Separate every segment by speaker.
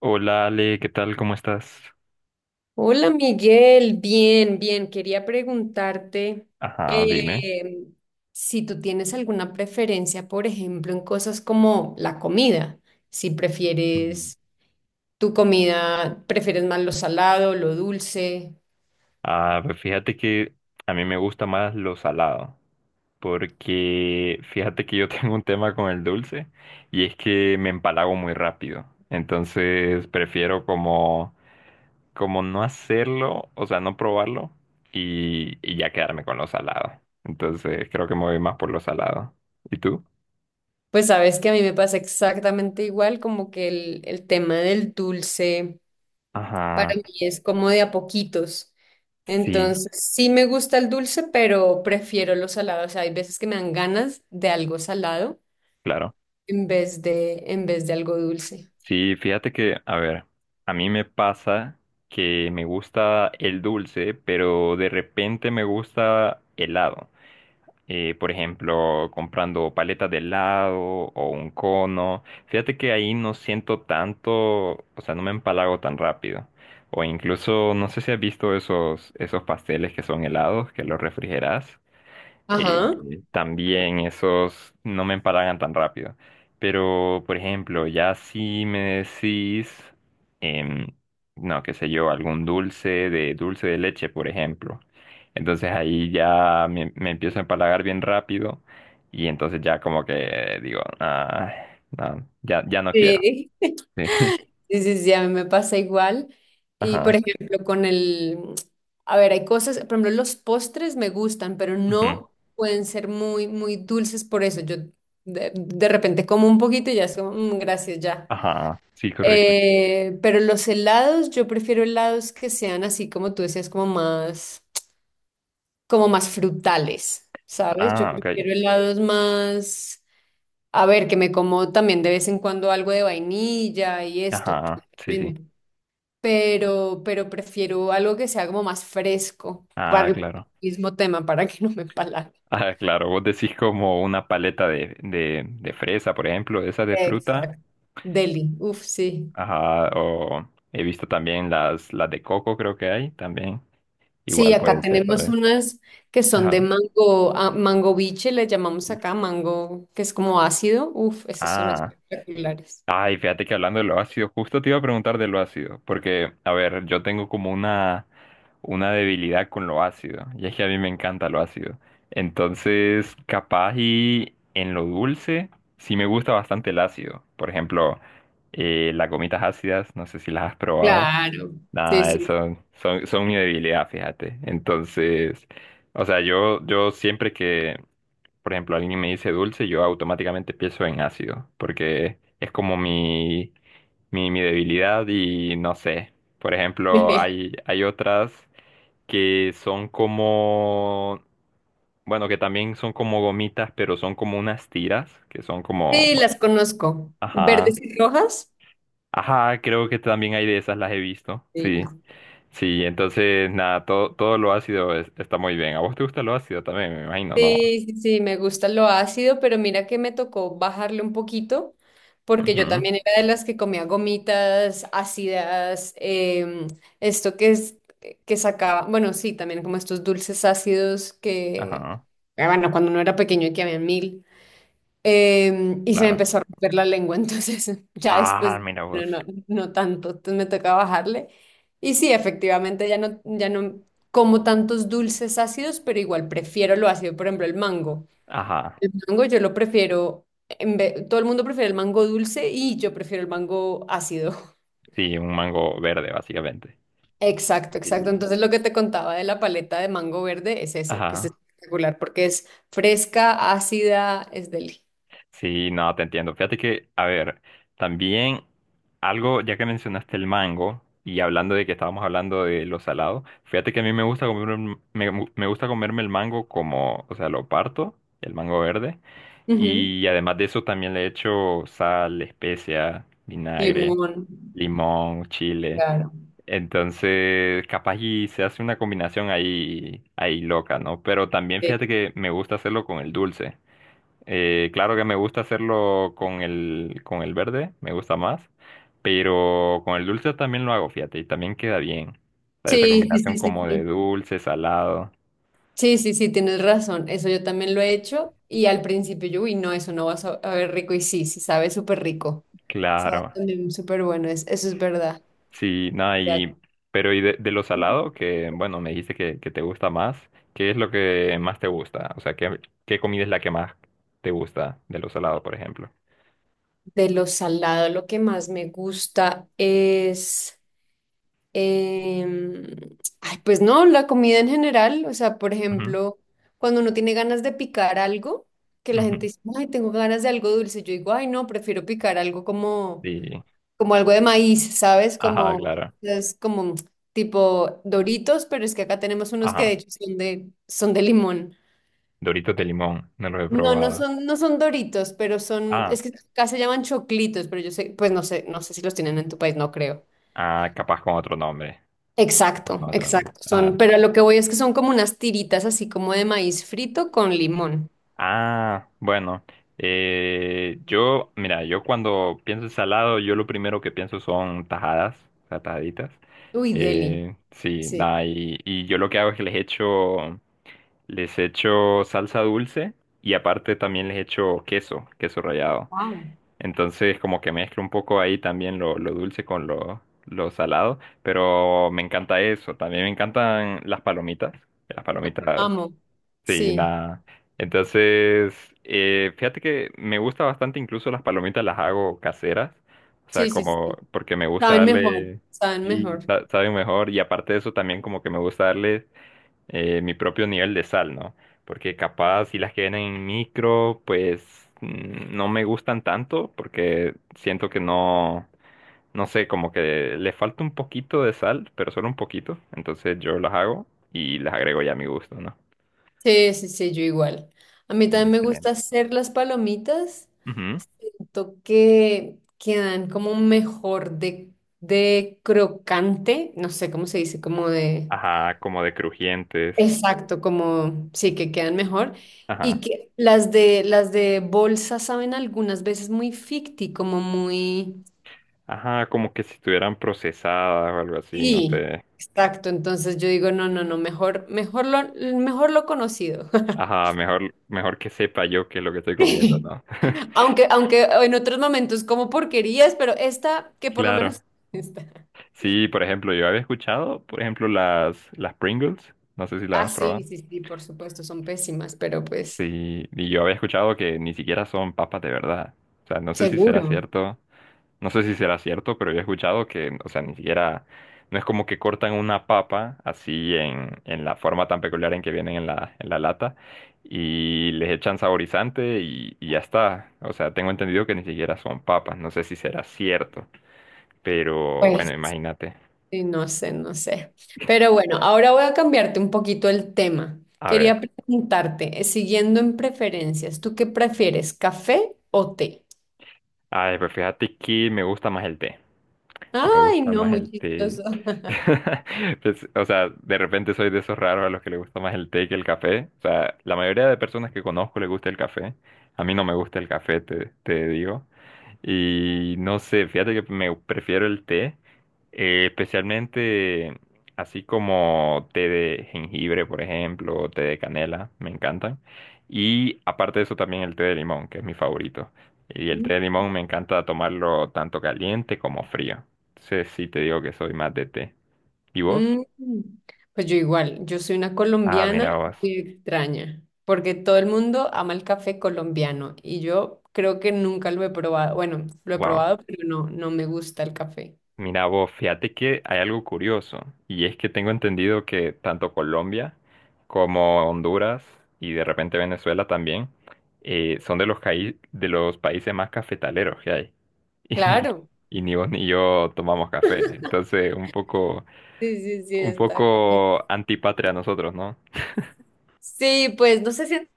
Speaker 1: Hola Ale, ¿qué tal? ¿Cómo estás?
Speaker 2: Hola Miguel, bien, bien. Quería preguntarte
Speaker 1: Ajá, dime.
Speaker 2: eh, si tú tienes alguna preferencia, por ejemplo, en cosas como la comida. Si
Speaker 1: Mm.
Speaker 2: prefieres tu comida, prefieres más lo salado, lo dulce.
Speaker 1: Ah, pues fíjate que a mí me gusta más lo salado, porque fíjate que yo tengo un tema con el dulce y es que me empalago muy rápido. Entonces prefiero como, como no hacerlo, o sea, no probarlo y ya quedarme con lo salado. Entonces creo que me voy más por lo salado. ¿Y tú?
Speaker 2: Pues sabes que a mí me pasa exactamente igual, como que el tema del dulce para
Speaker 1: Ajá,
Speaker 2: mí es como de a poquitos.
Speaker 1: sí,
Speaker 2: Entonces, sí me gusta el dulce, pero prefiero lo salado. O sea, hay veces que me dan ganas de algo salado
Speaker 1: claro.
Speaker 2: en vez de algo dulce.
Speaker 1: Sí, fíjate que, a ver, a mí me pasa que me gusta el dulce, pero de repente me gusta helado. Por ejemplo, comprando paletas de helado o un cono. Fíjate que ahí no siento tanto, o sea, no me empalago tan rápido. O incluso, no sé si has visto esos pasteles que son helados, que los refrigeras. Eh,
Speaker 2: Ajá.
Speaker 1: También esos no me empalagan tan rápido. Pero, por ejemplo, ya si me decís, em, no, qué sé yo, algún dulce de leche, por ejemplo. Entonces ahí ya me empiezo a empalagar bien rápido y entonces ya como que digo, ah, no, ya no quiero.
Speaker 2: Sí.
Speaker 1: Sí.
Speaker 2: Sí, sí, sí, a mí me pasa igual. Y por
Speaker 1: Ajá.
Speaker 2: ejemplo, con el, a ver, hay cosas, por ejemplo, los postres me gustan, pero
Speaker 1: Ujú.
Speaker 2: no pueden ser muy, muy dulces por eso. Yo de repente como un poquito y ya es como, "Mm, gracias, ya."
Speaker 1: Ajá. Sí, correcto.
Speaker 2: Pero los helados, yo prefiero helados que sean así como tú decías, como más frutales, ¿sabes? Yo
Speaker 1: Ah, ok.
Speaker 2: prefiero helados más. A ver, que me como también de vez en cuando algo de vainilla y esto.
Speaker 1: Ajá. Sí, sí.
Speaker 2: men- pero prefiero algo que sea como más fresco para
Speaker 1: Ah,
Speaker 2: el
Speaker 1: claro.
Speaker 2: mismo tema, para que no me empalague.
Speaker 1: Ah, claro, vos decís como una paleta de, de fresa, por ejemplo, esa de fruta.
Speaker 2: Exacto. Deli, uff, sí.
Speaker 1: Ajá, o he visto también las de coco, creo que hay también.
Speaker 2: Sí,
Speaker 1: Igual
Speaker 2: acá
Speaker 1: puede ser, tal
Speaker 2: tenemos
Speaker 1: vez.
Speaker 2: unas que son de
Speaker 1: Ajá.
Speaker 2: mango, ah, mango biche, le llamamos acá mango, que es como ácido. Uff, esas son
Speaker 1: Ah.
Speaker 2: espectaculares.
Speaker 1: Ay, fíjate que hablando de lo ácido, justo te iba a preguntar de lo ácido, porque, a ver, yo tengo como una debilidad con lo ácido, y es que a mí me encanta lo ácido. Entonces, capaz y en lo dulce, sí me gusta bastante el ácido. Por ejemplo, las gomitas ácidas, no sé si las has probado.
Speaker 2: Claro. Sí,
Speaker 1: Nada,
Speaker 2: sí.
Speaker 1: eso son, son mi debilidad, fíjate. Entonces, o sea, yo siempre que por ejemplo, alguien me dice dulce, yo automáticamente pienso en ácido, porque es como mi, mi debilidad y no sé. Por ejemplo, hay otras que son como, bueno, que también son como gomitas, pero son como unas tiras, que son como,
Speaker 2: Sí,
Speaker 1: bueno,
Speaker 2: las conozco. ¿Verdes
Speaker 1: ajá,
Speaker 2: y rojas?
Speaker 1: ajá, creo que también hay de esas, las he visto,
Speaker 2: Sí.
Speaker 1: sí. Sí, entonces, nada, todo, todo lo ácido es- está muy bien. ¿A vos te gusta lo ácido también? Me imagino, no.
Speaker 2: Sí, sí, sí, me gusta lo ácido, pero mira que me tocó bajarle un poquito, porque yo
Speaker 1: Ujú,
Speaker 2: también era de las que comía gomitas ácidas, esto que es que sacaba, bueno, sí, también como estos dulces ácidos que,
Speaker 1: ajá,
Speaker 2: ah, bueno, cuando uno era pequeño que había mil. Y se me
Speaker 1: claro.
Speaker 2: empezó a romper la lengua, entonces ya
Speaker 1: Ah,
Speaker 2: después,
Speaker 1: mira
Speaker 2: no,
Speaker 1: vos.
Speaker 2: no, no tanto, entonces me toca bajarle. Y sí, efectivamente, ya no, ya no como tantos dulces ácidos, pero igual prefiero lo ácido, por ejemplo, el mango.
Speaker 1: Ajá.
Speaker 2: El mango yo lo prefiero, todo el mundo prefiere el mango dulce y yo prefiero el mango ácido.
Speaker 1: Sí, un mango verde, básicamente.
Speaker 2: Exacto, exacto.
Speaker 1: Sí.
Speaker 2: Entonces lo que te contaba de la paleta de mango verde es eso, que es
Speaker 1: Ajá.
Speaker 2: espectacular porque es fresca, ácida, es deli.
Speaker 1: Sí, no, te entiendo. Fíjate que, a ver, también algo, ya que mencionaste el mango, y hablando de que estábamos hablando de lo salado, fíjate que a mí me gusta comer, un- me, gu- me gusta comerme el mango como, o sea, lo parto, el mango verde,
Speaker 2: Ujú.
Speaker 1: y además de eso también le echo sal, especia, vinagre,
Speaker 2: Limón,
Speaker 1: limón, chile.
Speaker 2: claro.
Speaker 1: Entonces, capaz y se hace una combinación ahí, ahí loca, ¿no? Pero también
Speaker 2: eh,
Speaker 1: fíjate que me gusta hacerlo con el dulce. Claro que me gusta hacerlo con el verde, me gusta más, pero con el dulce también lo hago, fíjate, y también queda bien. O sea, esa
Speaker 2: Sí, sí,
Speaker 1: combinación
Speaker 2: sí, sí,
Speaker 1: como de
Speaker 2: sí.
Speaker 1: dulce, salado,
Speaker 2: Sí, sí, sí, tienes razón. Eso yo también lo he hecho. Y al principio yo, uy, no, eso no va a saber rico. Y sí, sí, sabe súper rico. Sabe
Speaker 1: claro.
Speaker 2: también súper bueno. Es, eso es verdad.
Speaker 1: Sí, nada,
Speaker 2: Ya,
Speaker 1: y, pero y de lo salado, que bueno, me dijiste que te gusta más, ¿qué es lo que más te gusta? O sea, ¿qué, qué comida es la que más te gusta de lo salado, por ejemplo?
Speaker 2: de lo salado, lo que más me gusta es. em, Ay, pues no, la comida en general. O sea, por
Speaker 1: Ujú,
Speaker 2: ejemplo, cuando uno tiene ganas de picar algo, que la
Speaker 1: ujú.
Speaker 2: gente dice, ay, tengo ganas de algo dulce. Yo digo, ay, no, prefiero picar algo como
Speaker 1: Sí,
Speaker 2: como algo de maíz, ¿sabes?
Speaker 1: ajá,
Speaker 2: Como,
Speaker 1: claro,
Speaker 2: es como tipo Doritos, pero es que acá tenemos unos que de
Speaker 1: ajá.
Speaker 2: hecho son de limón.
Speaker 1: Doritos de limón, no los he
Speaker 2: No, no
Speaker 1: probado.
Speaker 2: son, no son Doritos, pero son,
Speaker 1: Ah,
Speaker 2: es que acá se llaman choclitos, pero yo sé, pues no sé, no sé si los tienen en tu país, no creo.
Speaker 1: ah, capaz con otro nombre, capaz
Speaker 2: Exacto,
Speaker 1: con otro nombre.
Speaker 2: exacto. Son,
Speaker 1: Ajá.
Speaker 2: pero a lo que voy es que son como unas tiritas así como de maíz frito con limón.
Speaker 1: Ah, bueno, yo, mira, yo cuando pienso en salado, yo lo primero que pienso son tajadas, o sea, tajaditas.
Speaker 2: Uy, deli.
Speaker 1: Sí,
Speaker 2: Sí.
Speaker 1: nada, y yo lo que hago es que les echo salsa dulce y aparte también les echo queso, queso rallado.
Speaker 2: Wow.
Speaker 1: Entonces, como que mezclo un poco ahí también lo dulce con lo salado, pero me encanta eso. También me encantan las palomitas, las palomitas.
Speaker 2: Amo.
Speaker 1: Sí,
Speaker 2: Sí,
Speaker 1: nada. Entonces, fíjate que me gusta bastante, incluso las palomitas las hago caseras, o sea,
Speaker 2: sí, sí,
Speaker 1: como
Speaker 2: sí.
Speaker 1: porque me gusta
Speaker 2: Saben mejor,
Speaker 1: darle,
Speaker 2: saben
Speaker 1: sí,
Speaker 2: mejor.
Speaker 1: sa- saben mejor, y aparte de eso también como que me gusta darle mi propio nivel de sal, ¿no? Porque capaz si las que vienen en micro, pues no me gustan tanto, porque siento que no, no sé, como que le falta un poquito de sal, pero solo un poquito, entonces yo las hago y las agrego ya a mi gusto, ¿no?
Speaker 2: Sí, sí, sí, yo igual. A mí también me gusta
Speaker 1: Excelente.
Speaker 2: hacer las palomitas.
Speaker 1: Ujú.
Speaker 2: Siento que quedan como mejor de crocante, no sé cómo se dice, como de...
Speaker 1: Ajá, como de crujientes.
Speaker 2: Exacto, como sí, que quedan mejor.
Speaker 1: Ajá.
Speaker 2: Y que las de bolsa saben algunas veces muy ficti, como muy...
Speaker 1: Ajá, como que si estuvieran procesadas o algo así, no
Speaker 2: Sí,
Speaker 1: sé.
Speaker 2: exacto. Entonces yo digo, no, no, no, mejor, mejor lo conocido.
Speaker 1: Ajá, mejor, mejor que sepa yo qué es lo que estoy comiendo, ¿no?
Speaker 2: Aunque, aunque en otros momentos como porquerías, pero esta, que por lo
Speaker 1: Claro.
Speaker 2: menos esta.
Speaker 1: Sí, por ejemplo, yo había escuchado, por ejemplo, las Pringles. No sé si las
Speaker 2: Ah,
Speaker 1: has
Speaker 2: sí,
Speaker 1: probado.
Speaker 2: sí, sí, por supuesto, son pésimas, pero pues
Speaker 1: Sí, y yo había escuchado que ni siquiera son papas de verdad. O sea, no sé si será
Speaker 2: seguro.
Speaker 1: cierto. No sé si será cierto, pero yo he escuchado que, o sea, ni siquiera, no es como que cortan una papa así en la forma tan peculiar en que vienen en la lata y les echan saborizante y ya está. O sea, tengo entendido que ni siquiera son papas, no sé si será cierto, pero bueno,
Speaker 2: Pues
Speaker 1: imagínate.
Speaker 2: sí, no sé, no sé. Pero bueno, ahora voy a cambiarte un poquito el tema.
Speaker 1: A
Speaker 2: Quería
Speaker 1: ver,
Speaker 2: preguntarte, siguiendo en preferencias, ¿tú qué prefieres, café o té?
Speaker 1: ay, pues fíjate que me gusta más el té. Me
Speaker 2: Ay,
Speaker 1: gusta
Speaker 2: no,
Speaker 1: más
Speaker 2: muy
Speaker 1: el té.
Speaker 2: chistoso.
Speaker 1: Pues, o sea, de repente soy de esos raros a los que le gusta más el té que el café. O sea, la mayoría de personas que conozco le gusta el café. A mí no me gusta el café, te digo. Y no sé, fíjate que me prefiero el té, especialmente así como té de jengibre, por ejemplo, o té de canela, me encantan. Y aparte de eso también el té de limón, que es mi favorito. Y el té de limón me encanta tomarlo tanto caliente como frío. Entonces sí te digo que soy más de té. ¿Y vos?
Speaker 2: Mm, pues yo igual, yo soy una
Speaker 1: Ah,
Speaker 2: colombiana
Speaker 1: mira vos.
Speaker 2: muy extraña, porque todo el mundo ama el café colombiano y yo creo que nunca lo he probado. Bueno, lo he
Speaker 1: Wow.
Speaker 2: probado, pero no, no me gusta el café.
Speaker 1: Mira vos, fíjate que hay algo curioso y es que tengo entendido que tanto Colombia como Honduras y de repente Venezuela también son de los, caí- de los países más cafetaleros que hay y,
Speaker 2: Claro.
Speaker 1: y ni vos ni yo tomamos café, entonces
Speaker 2: Sí, sí, sí,
Speaker 1: un
Speaker 2: está como-
Speaker 1: poco antipatria a nosotros, ¿no?
Speaker 2: Sí, pues no sé si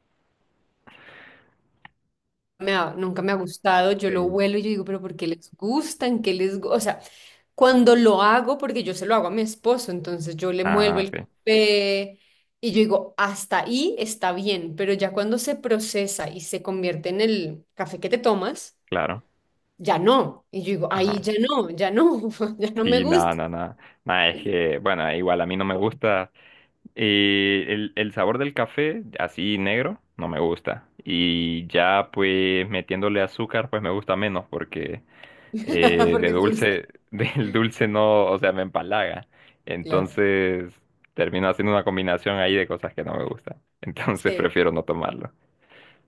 Speaker 2: me ha, nunca me ha gustado, yo lo
Speaker 1: Sí.
Speaker 2: huelo y yo digo, pero ¿por qué les gustan? ¿Qué les gu-?". O sea, cuando lo hago, porque yo se lo hago a mi esposo, entonces yo le muelvo
Speaker 1: Ah,
Speaker 2: el
Speaker 1: ok,
Speaker 2: café y yo digo, hasta ahí está bien, pero ya cuando se procesa y se convierte en el café que te tomas,
Speaker 1: claro.
Speaker 2: ya no. Y yo digo, ahí
Speaker 1: Ajá.
Speaker 2: ya no, ya no, ya no me
Speaker 1: Sí, nada,
Speaker 2: gusta,
Speaker 1: nada, nada. Nada, es que, bueno, igual a mí no me gusta. El sabor del café, así negro, no me gusta. Y ya pues metiéndole azúcar, pues me gusta menos porque de
Speaker 2: porque es dulce.
Speaker 1: dulce, del dulce no, o sea, me empalaga.
Speaker 2: Claro.
Speaker 1: Entonces termino haciendo una combinación ahí de cosas que no me gustan. Entonces
Speaker 2: Sí.
Speaker 1: prefiero no tomarlo.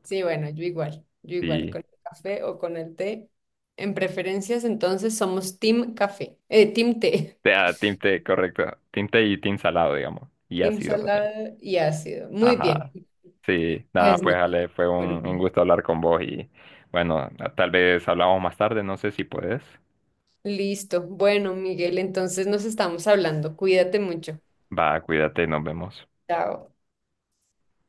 Speaker 2: Sí, bueno, yo igual,
Speaker 1: Sí,
Speaker 2: con el café o con el té. En preferencias, entonces somos team café, team té,
Speaker 1: o sea, tinte, correcto. Tinte y tinte salado, digamos. Y
Speaker 2: team
Speaker 1: ácido también.
Speaker 2: salada y ácido. Muy bien,
Speaker 1: Ajá. Sí, nada,
Speaker 2: pues
Speaker 1: pues
Speaker 2: nada,
Speaker 1: Ale, fue
Speaker 2: súper
Speaker 1: un
Speaker 2: bien.
Speaker 1: gusto hablar con vos y bueno, tal vez hablamos más tarde, no sé si puedes.
Speaker 2: Listo. Bueno, Miguel, entonces nos estamos hablando. Cuídate mucho.
Speaker 1: Va, cuídate, nos vemos.
Speaker 2: Chao.